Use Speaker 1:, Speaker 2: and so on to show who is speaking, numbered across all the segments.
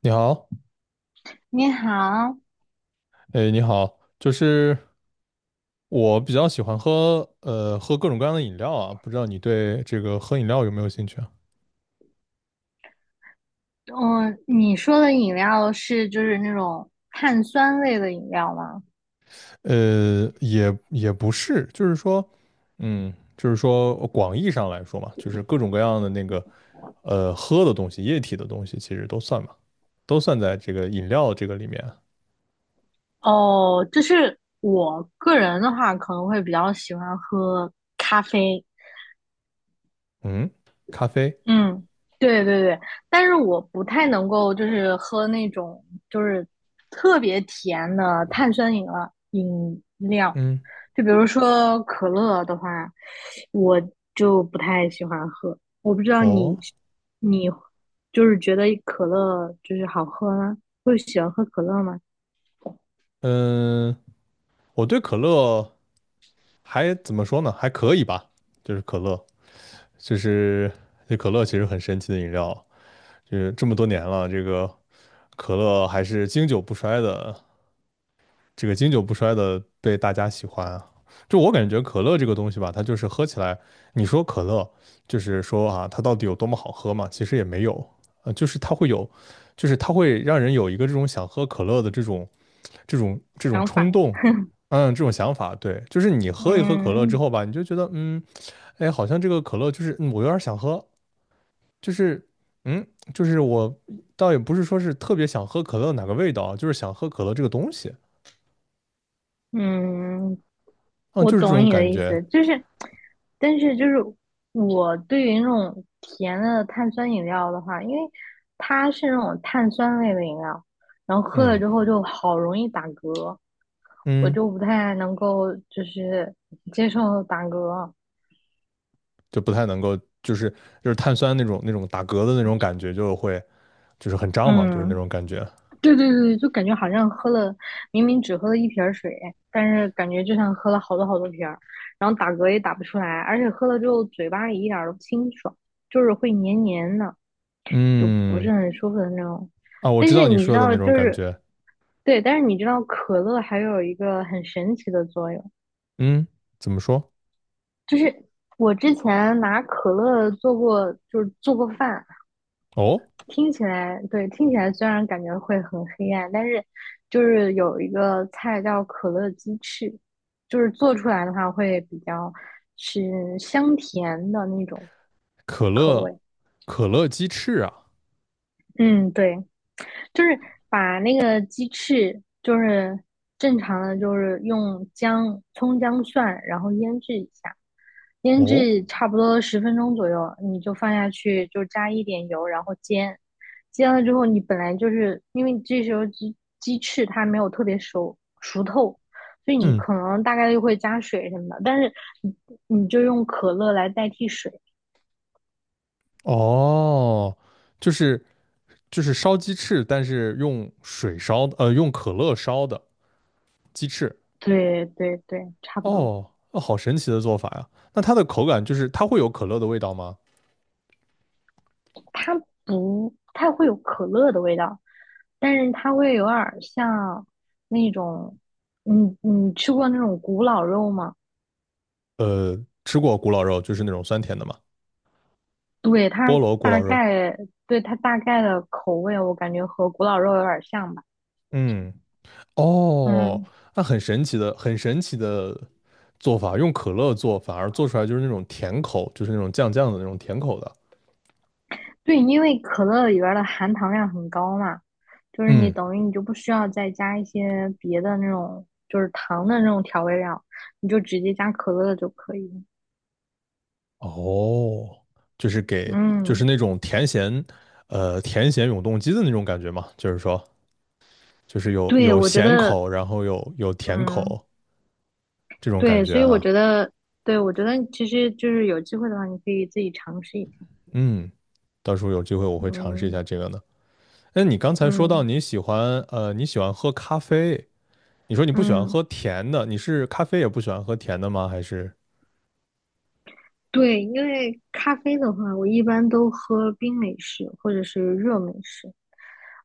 Speaker 1: 你好，
Speaker 2: 你好。
Speaker 1: 哎，你好，就是我比较喜欢喝，喝各种各样的饮料啊，不知道你对这个喝饮料有没有兴趣啊？
Speaker 2: 嗯，你说的饮料就是那种碳酸类的饮料吗？
Speaker 1: 也不是，就是说，嗯，就是说广义上来说嘛，就是各种各样的那个，喝的东西，液体的东西，其实都算嘛，都算在这个饮料这个里面。
Speaker 2: 哦，就是我个人的话，可能会比较喜欢喝咖啡。
Speaker 1: 嗯，咖啡。
Speaker 2: 嗯，对对对，但是我不太能够就是喝那种就是特别甜的碳酸饮料。
Speaker 1: 嗯。
Speaker 2: 就比如说可乐的话，我就不太喜欢喝。我不知道
Speaker 1: 哦。
Speaker 2: 你，你就是觉得可乐好喝吗？会喜欢喝可乐吗？
Speaker 1: 嗯，我对可乐还怎么说呢？还可以吧，就是可乐。就是这可乐其实很神奇的饮料，就是这么多年了，这个可乐还是经久不衰的，这个经久不衰的被大家喜欢啊。就我感觉可乐这个东西吧，它就是喝起来，你说可乐，就是说啊，它到底有多么好喝嘛？其实也没有，就是它会有，就是它会让人有一个这种想喝可乐的这种
Speaker 2: 想法。
Speaker 1: 冲动。嗯，这种想法。对，就是你喝一喝可乐之
Speaker 2: 嗯
Speaker 1: 后吧，你就觉得，嗯，哎，好像这个可乐就是，我有点想喝。就是，嗯，就是我倒也不是说是特别想喝可乐哪个味道啊，就是想喝可乐这个东西。
Speaker 2: 嗯，
Speaker 1: 嗯，
Speaker 2: 我
Speaker 1: 就是这
Speaker 2: 懂
Speaker 1: 种
Speaker 2: 你的
Speaker 1: 感
Speaker 2: 意思，
Speaker 1: 觉。
Speaker 2: 但是我对于那种甜的碳酸饮料的话，因为它是那种碳酸类的饮料，然后喝了
Speaker 1: 嗯
Speaker 2: 之后就好容易打嗝，我
Speaker 1: 嗯，
Speaker 2: 就不太能够接受打嗝。
Speaker 1: 就不太能够，就是就是碳酸那种打嗝的那种感觉，就会就是很胀嘛，就是那
Speaker 2: 嗯，
Speaker 1: 种感觉。
Speaker 2: 对对对，就感觉好像喝了，明明只喝了一瓶儿水，但是感觉就像喝了好多好多瓶儿，然后打嗝也打不出来，而且喝了之后嘴巴里一点儿都不清爽，就是会黏黏的，就不
Speaker 1: 嗯
Speaker 2: 是很舒服的那种。
Speaker 1: 啊，我
Speaker 2: 但
Speaker 1: 知
Speaker 2: 是
Speaker 1: 道你
Speaker 2: 你知
Speaker 1: 说的
Speaker 2: 道，
Speaker 1: 那种
Speaker 2: 就
Speaker 1: 感
Speaker 2: 是
Speaker 1: 觉。
Speaker 2: 对，但是你知道可乐还有一个很神奇的作用，
Speaker 1: 嗯，怎么说？
Speaker 2: 就是我之前拿可乐做过，就是做过饭。
Speaker 1: 哦，
Speaker 2: 听起来，对，听起来虽然感觉会很黑暗，但是有一个菜叫可乐鸡翅，就是做出来的话会比较是香甜的那种
Speaker 1: 可
Speaker 2: 口
Speaker 1: 乐
Speaker 2: 味。
Speaker 1: 可乐鸡翅啊。
Speaker 2: 嗯，对，就是把那个鸡翅，就是正常的，就是用姜、葱、姜、蒜，然后腌制一下。腌
Speaker 1: 哦，
Speaker 2: 制差不多10分钟左右，你就放下去，就加一点油，然后煎。煎了之后，你本来就是因为这时候鸡翅它没有特别熟透，所以你
Speaker 1: 嗯
Speaker 2: 可能大概率会加水什么的，但是你你就用可乐来代替水。
Speaker 1: 哦，就是就是烧鸡翅，但是用水烧的，用可乐烧的鸡翅。
Speaker 2: 对对对，差不多。
Speaker 1: 哦，哦，好神奇的做法呀！那它的口感就是它会有可乐的味道吗？
Speaker 2: 它不太会有可乐的味道，但是它会有点儿像那种，你你吃过那种古老肉吗？
Speaker 1: 呃，吃过古老肉，就是那种酸甜的嘛，
Speaker 2: 对，
Speaker 1: 菠
Speaker 2: 它
Speaker 1: 萝古
Speaker 2: 大
Speaker 1: 老肉。
Speaker 2: 概，对，它大概的口味，我感觉和古老肉有点像吧。
Speaker 1: 嗯。哦，
Speaker 2: 嗯，
Speaker 1: 那很神奇的，很神奇的做法，用可乐做，反而做出来就是那种甜口，就是那种酱酱的那种甜口的。
Speaker 2: 对，因为可乐里边儿的含糖量很高嘛，就是你
Speaker 1: 嗯。
Speaker 2: 等于你就不需要再加一些别的那种，就是糖的那种调味料，你就直接加可乐就可以了。
Speaker 1: 哦，就是给，就是
Speaker 2: 嗯，
Speaker 1: 那种甜咸，甜咸永动机的那种感觉嘛，就是说，就是有
Speaker 2: 对，
Speaker 1: 有
Speaker 2: 我觉
Speaker 1: 咸
Speaker 2: 得。
Speaker 1: 口，然后有甜
Speaker 2: 嗯，
Speaker 1: 口，这种感
Speaker 2: 对，
Speaker 1: 觉
Speaker 2: 所以我
Speaker 1: 啊。
Speaker 2: 觉得，对，我觉得其实就是有机会的话，你可以自己尝试一下。
Speaker 1: 嗯，到时候有机会我会尝试一下
Speaker 2: 嗯。
Speaker 1: 这个呢。那你刚才说到
Speaker 2: 嗯
Speaker 1: 你喜欢喝咖啡。你说你不喜欢
Speaker 2: 嗯。
Speaker 1: 喝甜的，你是咖啡也不喜欢喝甜的吗？还是
Speaker 2: 对，因为咖啡的话，我一般都喝冰美式或者是热美式，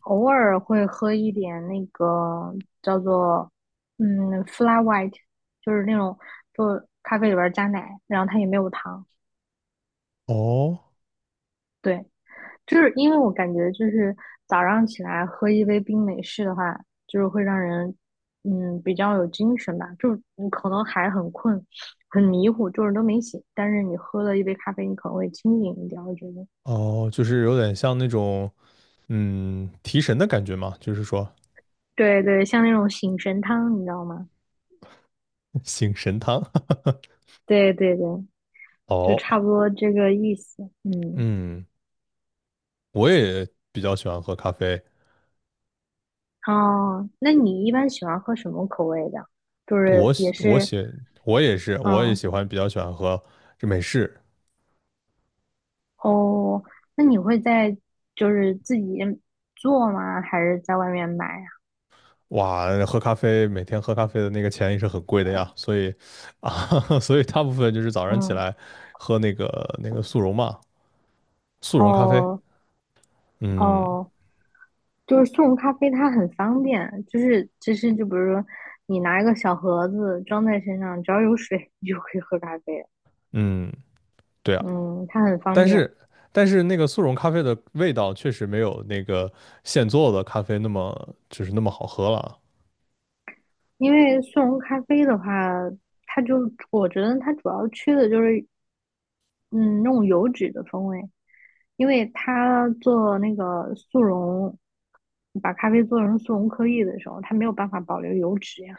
Speaker 2: 偶尔会喝一点那个叫做flat white,就是那种就咖啡里边儿加奶，然后它也没有糖。
Speaker 1: 哦
Speaker 2: 对，就是因为我感觉就是早上起来喝一杯冰美式的话，就是会让人比较有精神吧，就是你可能还很困，很迷糊，就是都没醒，但是你喝了一杯咖啡，你可能会清醒一点，我觉得。
Speaker 1: 哦，就是有点像那种提神的感觉嘛，就是说
Speaker 2: 对对，像那种醒神汤，你知道吗？
Speaker 1: 醒神汤。
Speaker 2: 对对对，就差
Speaker 1: 哦。
Speaker 2: 不多这个意思。嗯。
Speaker 1: 嗯，我也比较喜欢喝咖啡。
Speaker 2: 哦，那你一般喜欢喝什么口味的？就
Speaker 1: 我
Speaker 2: 是也
Speaker 1: 喜我
Speaker 2: 是，
Speaker 1: 喜我也是，我也
Speaker 2: 嗯。
Speaker 1: 喜欢比较喜欢喝这美式。
Speaker 2: 哦，那你会在自己做吗？还是在外面买呀？
Speaker 1: 哇，喝咖啡每天喝咖啡的那个钱也是很贵的呀，所以啊，所以大部分就是早上起
Speaker 2: 嗯。
Speaker 1: 来喝那个速溶嘛，速溶咖啡。
Speaker 2: 哦
Speaker 1: 嗯
Speaker 2: 哦，就是速溶咖啡它很方便，就是其实就比如说你拿一个小盒子装在身上，只要有水你就可以喝咖啡了。
Speaker 1: 嗯，对啊。
Speaker 2: 嗯，它很方
Speaker 1: 但
Speaker 2: 便。
Speaker 1: 是但是那个速溶咖啡的味道确实没有那个现做的咖啡那么那么好喝了。
Speaker 2: 因为速溶咖啡的话，它就我觉得它主要缺的就是嗯那种油脂的风味，因为它做那个速溶，把咖啡做成速溶颗粒的时候，它没有办法保留油脂呀，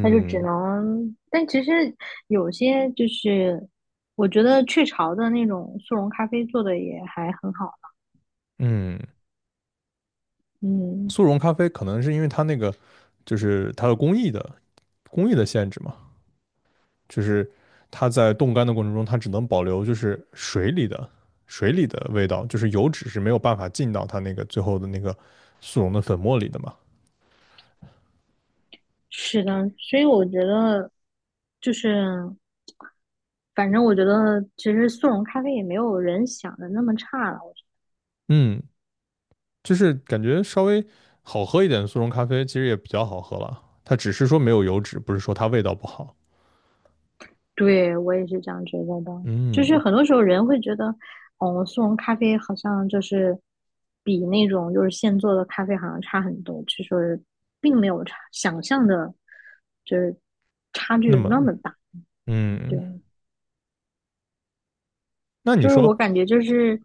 Speaker 2: 它就只能。但其实有些我觉得雀巢的那种速溶咖啡做的也还很好。
Speaker 1: 嗯。
Speaker 2: 嗯，
Speaker 1: 速溶咖啡可能是因为它那个就是它的工艺的限制嘛，就是它在冻干的过程中，它只能保留就是水里的味道，就是油脂是没有办法进到它那个最后的那个速溶的粉末里的嘛。
Speaker 2: 是的，所以我觉得就是。反正我觉得，其实速溶咖啡也没有人想的那么差了。
Speaker 1: 嗯，就是感觉稍微好喝一点的速溶咖啡其实也比较好喝了，它只是说没有油脂，不是说它味道不好。
Speaker 2: 对我也是这样觉得的，就是
Speaker 1: 嗯。
Speaker 2: 很多时候人会觉得，哦，速溶咖啡好像比那种现做的咖啡好像差很多，其实并没有差想象的，就是差
Speaker 1: 那
Speaker 2: 距
Speaker 1: 么
Speaker 2: 那么大。对，
Speaker 1: 嗯，那你
Speaker 2: 我
Speaker 1: 说
Speaker 2: 感觉就是，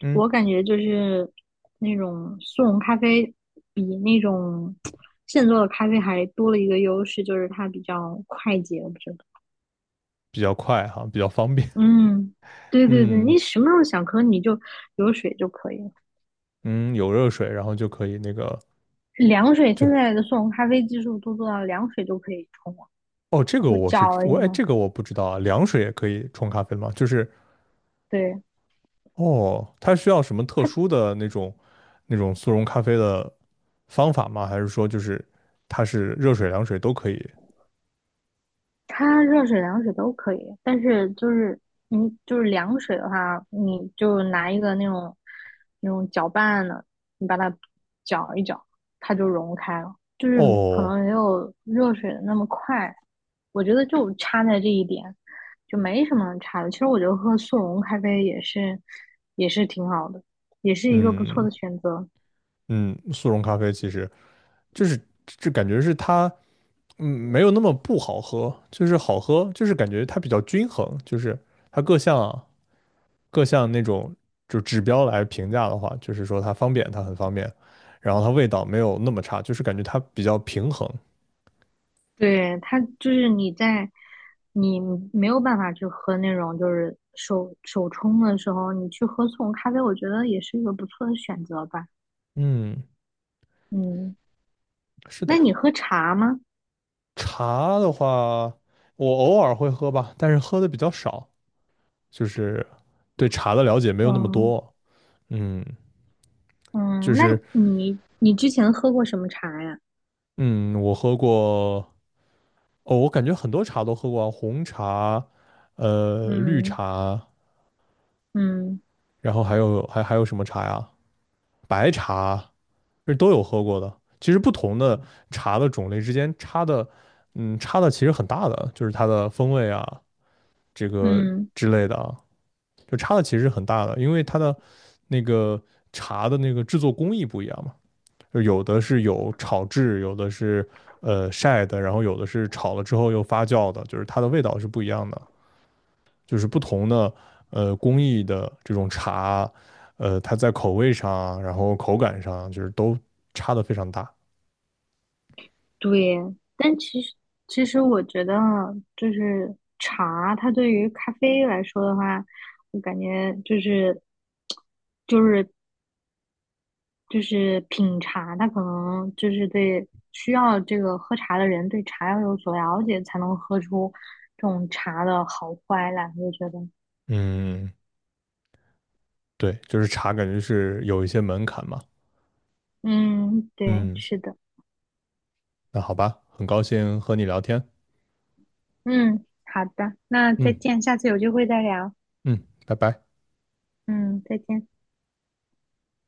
Speaker 1: 嗯
Speaker 2: 我感觉就是那种速溶咖啡比那种现做的咖啡还多了一个优势，就是它比较快捷，我觉得。
Speaker 1: 比较快哈，比较方便。
Speaker 2: 嗯，对对对，
Speaker 1: 嗯。
Speaker 2: 你什么时候想喝你就有水就可以了。
Speaker 1: 嗯，有热水，然后就可以那个
Speaker 2: 凉水
Speaker 1: 就
Speaker 2: 现在的速溶咖啡技术都做到凉水都可以冲了，
Speaker 1: 哦，这个
Speaker 2: 就
Speaker 1: 我是
Speaker 2: 搅了一
Speaker 1: 我哎，
Speaker 2: 下。
Speaker 1: 这个我不知道啊，凉水也可以冲咖啡吗？就是
Speaker 2: 对，
Speaker 1: 哦，它需要什么特殊的那种速溶咖啡的方法吗？还是说就是它是热水、凉水都可以？
Speaker 2: 它热水、凉水都可以，但是就是你就是凉水的话，你就拿一个那种搅拌的，你把它搅一搅，它就融开了，就是可能
Speaker 1: 哦。
Speaker 2: 没有热水的那么快。我觉得就差在这一点，就没什么差的。其实我觉得喝速溶咖啡也是挺好的，也是一个不错
Speaker 1: 嗯
Speaker 2: 的选择。
Speaker 1: 嗯，速溶咖啡其实就是这感觉是它没有那么不好喝，就是好喝，就是感觉它比较均衡，就是它各项那种就指标来评价的话，就是说它方便，它很方便，然后它味道没有那么差，就是感觉它比较平衡。
Speaker 2: 对，它就是你在你没有办法去喝那种就是手冲的时候，你去喝速溶咖啡，我觉得也是一个不错的选择吧。
Speaker 1: 嗯，
Speaker 2: 嗯，
Speaker 1: 是的
Speaker 2: 那
Speaker 1: 呀。
Speaker 2: 你喝茶吗？
Speaker 1: 茶的话，我偶尔会喝吧，但是喝的比较少，就是对茶的了解没有那么
Speaker 2: 哦，
Speaker 1: 多。嗯，就
Speaker 2: 嗯，那
Speaker 1: 是
Speaker 2: 你之前喝过什么茶呀？
Speaker 1: 嗯，我喝过，哦，我感觉很多茶都喝过啊，红茶，绿
Speaker 2: 嗯
Speaker 1: 茶，
Speaker 2: 嗯
Speaker 1: 然后还有什么茶呀？白茶，是都有喝过的。其实不同的茶的种类之间差的，差的其实很大的，就是它的风味啊，这个
Speaker 2: 嗯，
Speaker 1: 之类的啊，就差的其实很大的，因为它的那个茶的那个制作工艺不一样嘛，就有的是有炒制，有的是晒的，然后有的是炒了之后又发酵的，就是它的味道是不一样的，就是不同的工艺的这种茶，它在口味上啊然后口感上啊就是都差的非常大。
Speaker 2: 对。但其实其实我觉得茶，它对于咖啡来说的话，我感觉就是就是品茶，他可能就是对需要这个喝茶的人对茶要有所了解，才能喝出这种茶的好坏来。我觉得，
Speaker 1: 嗯，对，就是茶感觉是有一些门槛嘛。
Speaker 2: 嗯，对，
Speaker 1: 嗯，
Speaker 2: 是的。
Speaker 1: 那好吧，很高兴和你聊天。
Speaker 2: 嗯，好的，那再
Speaker 1: 嗯
Speaker 2: 见，下次有机会再聊。
Speaker 1: 嗯，拜拜。
Speaker 2: 嗯，再见。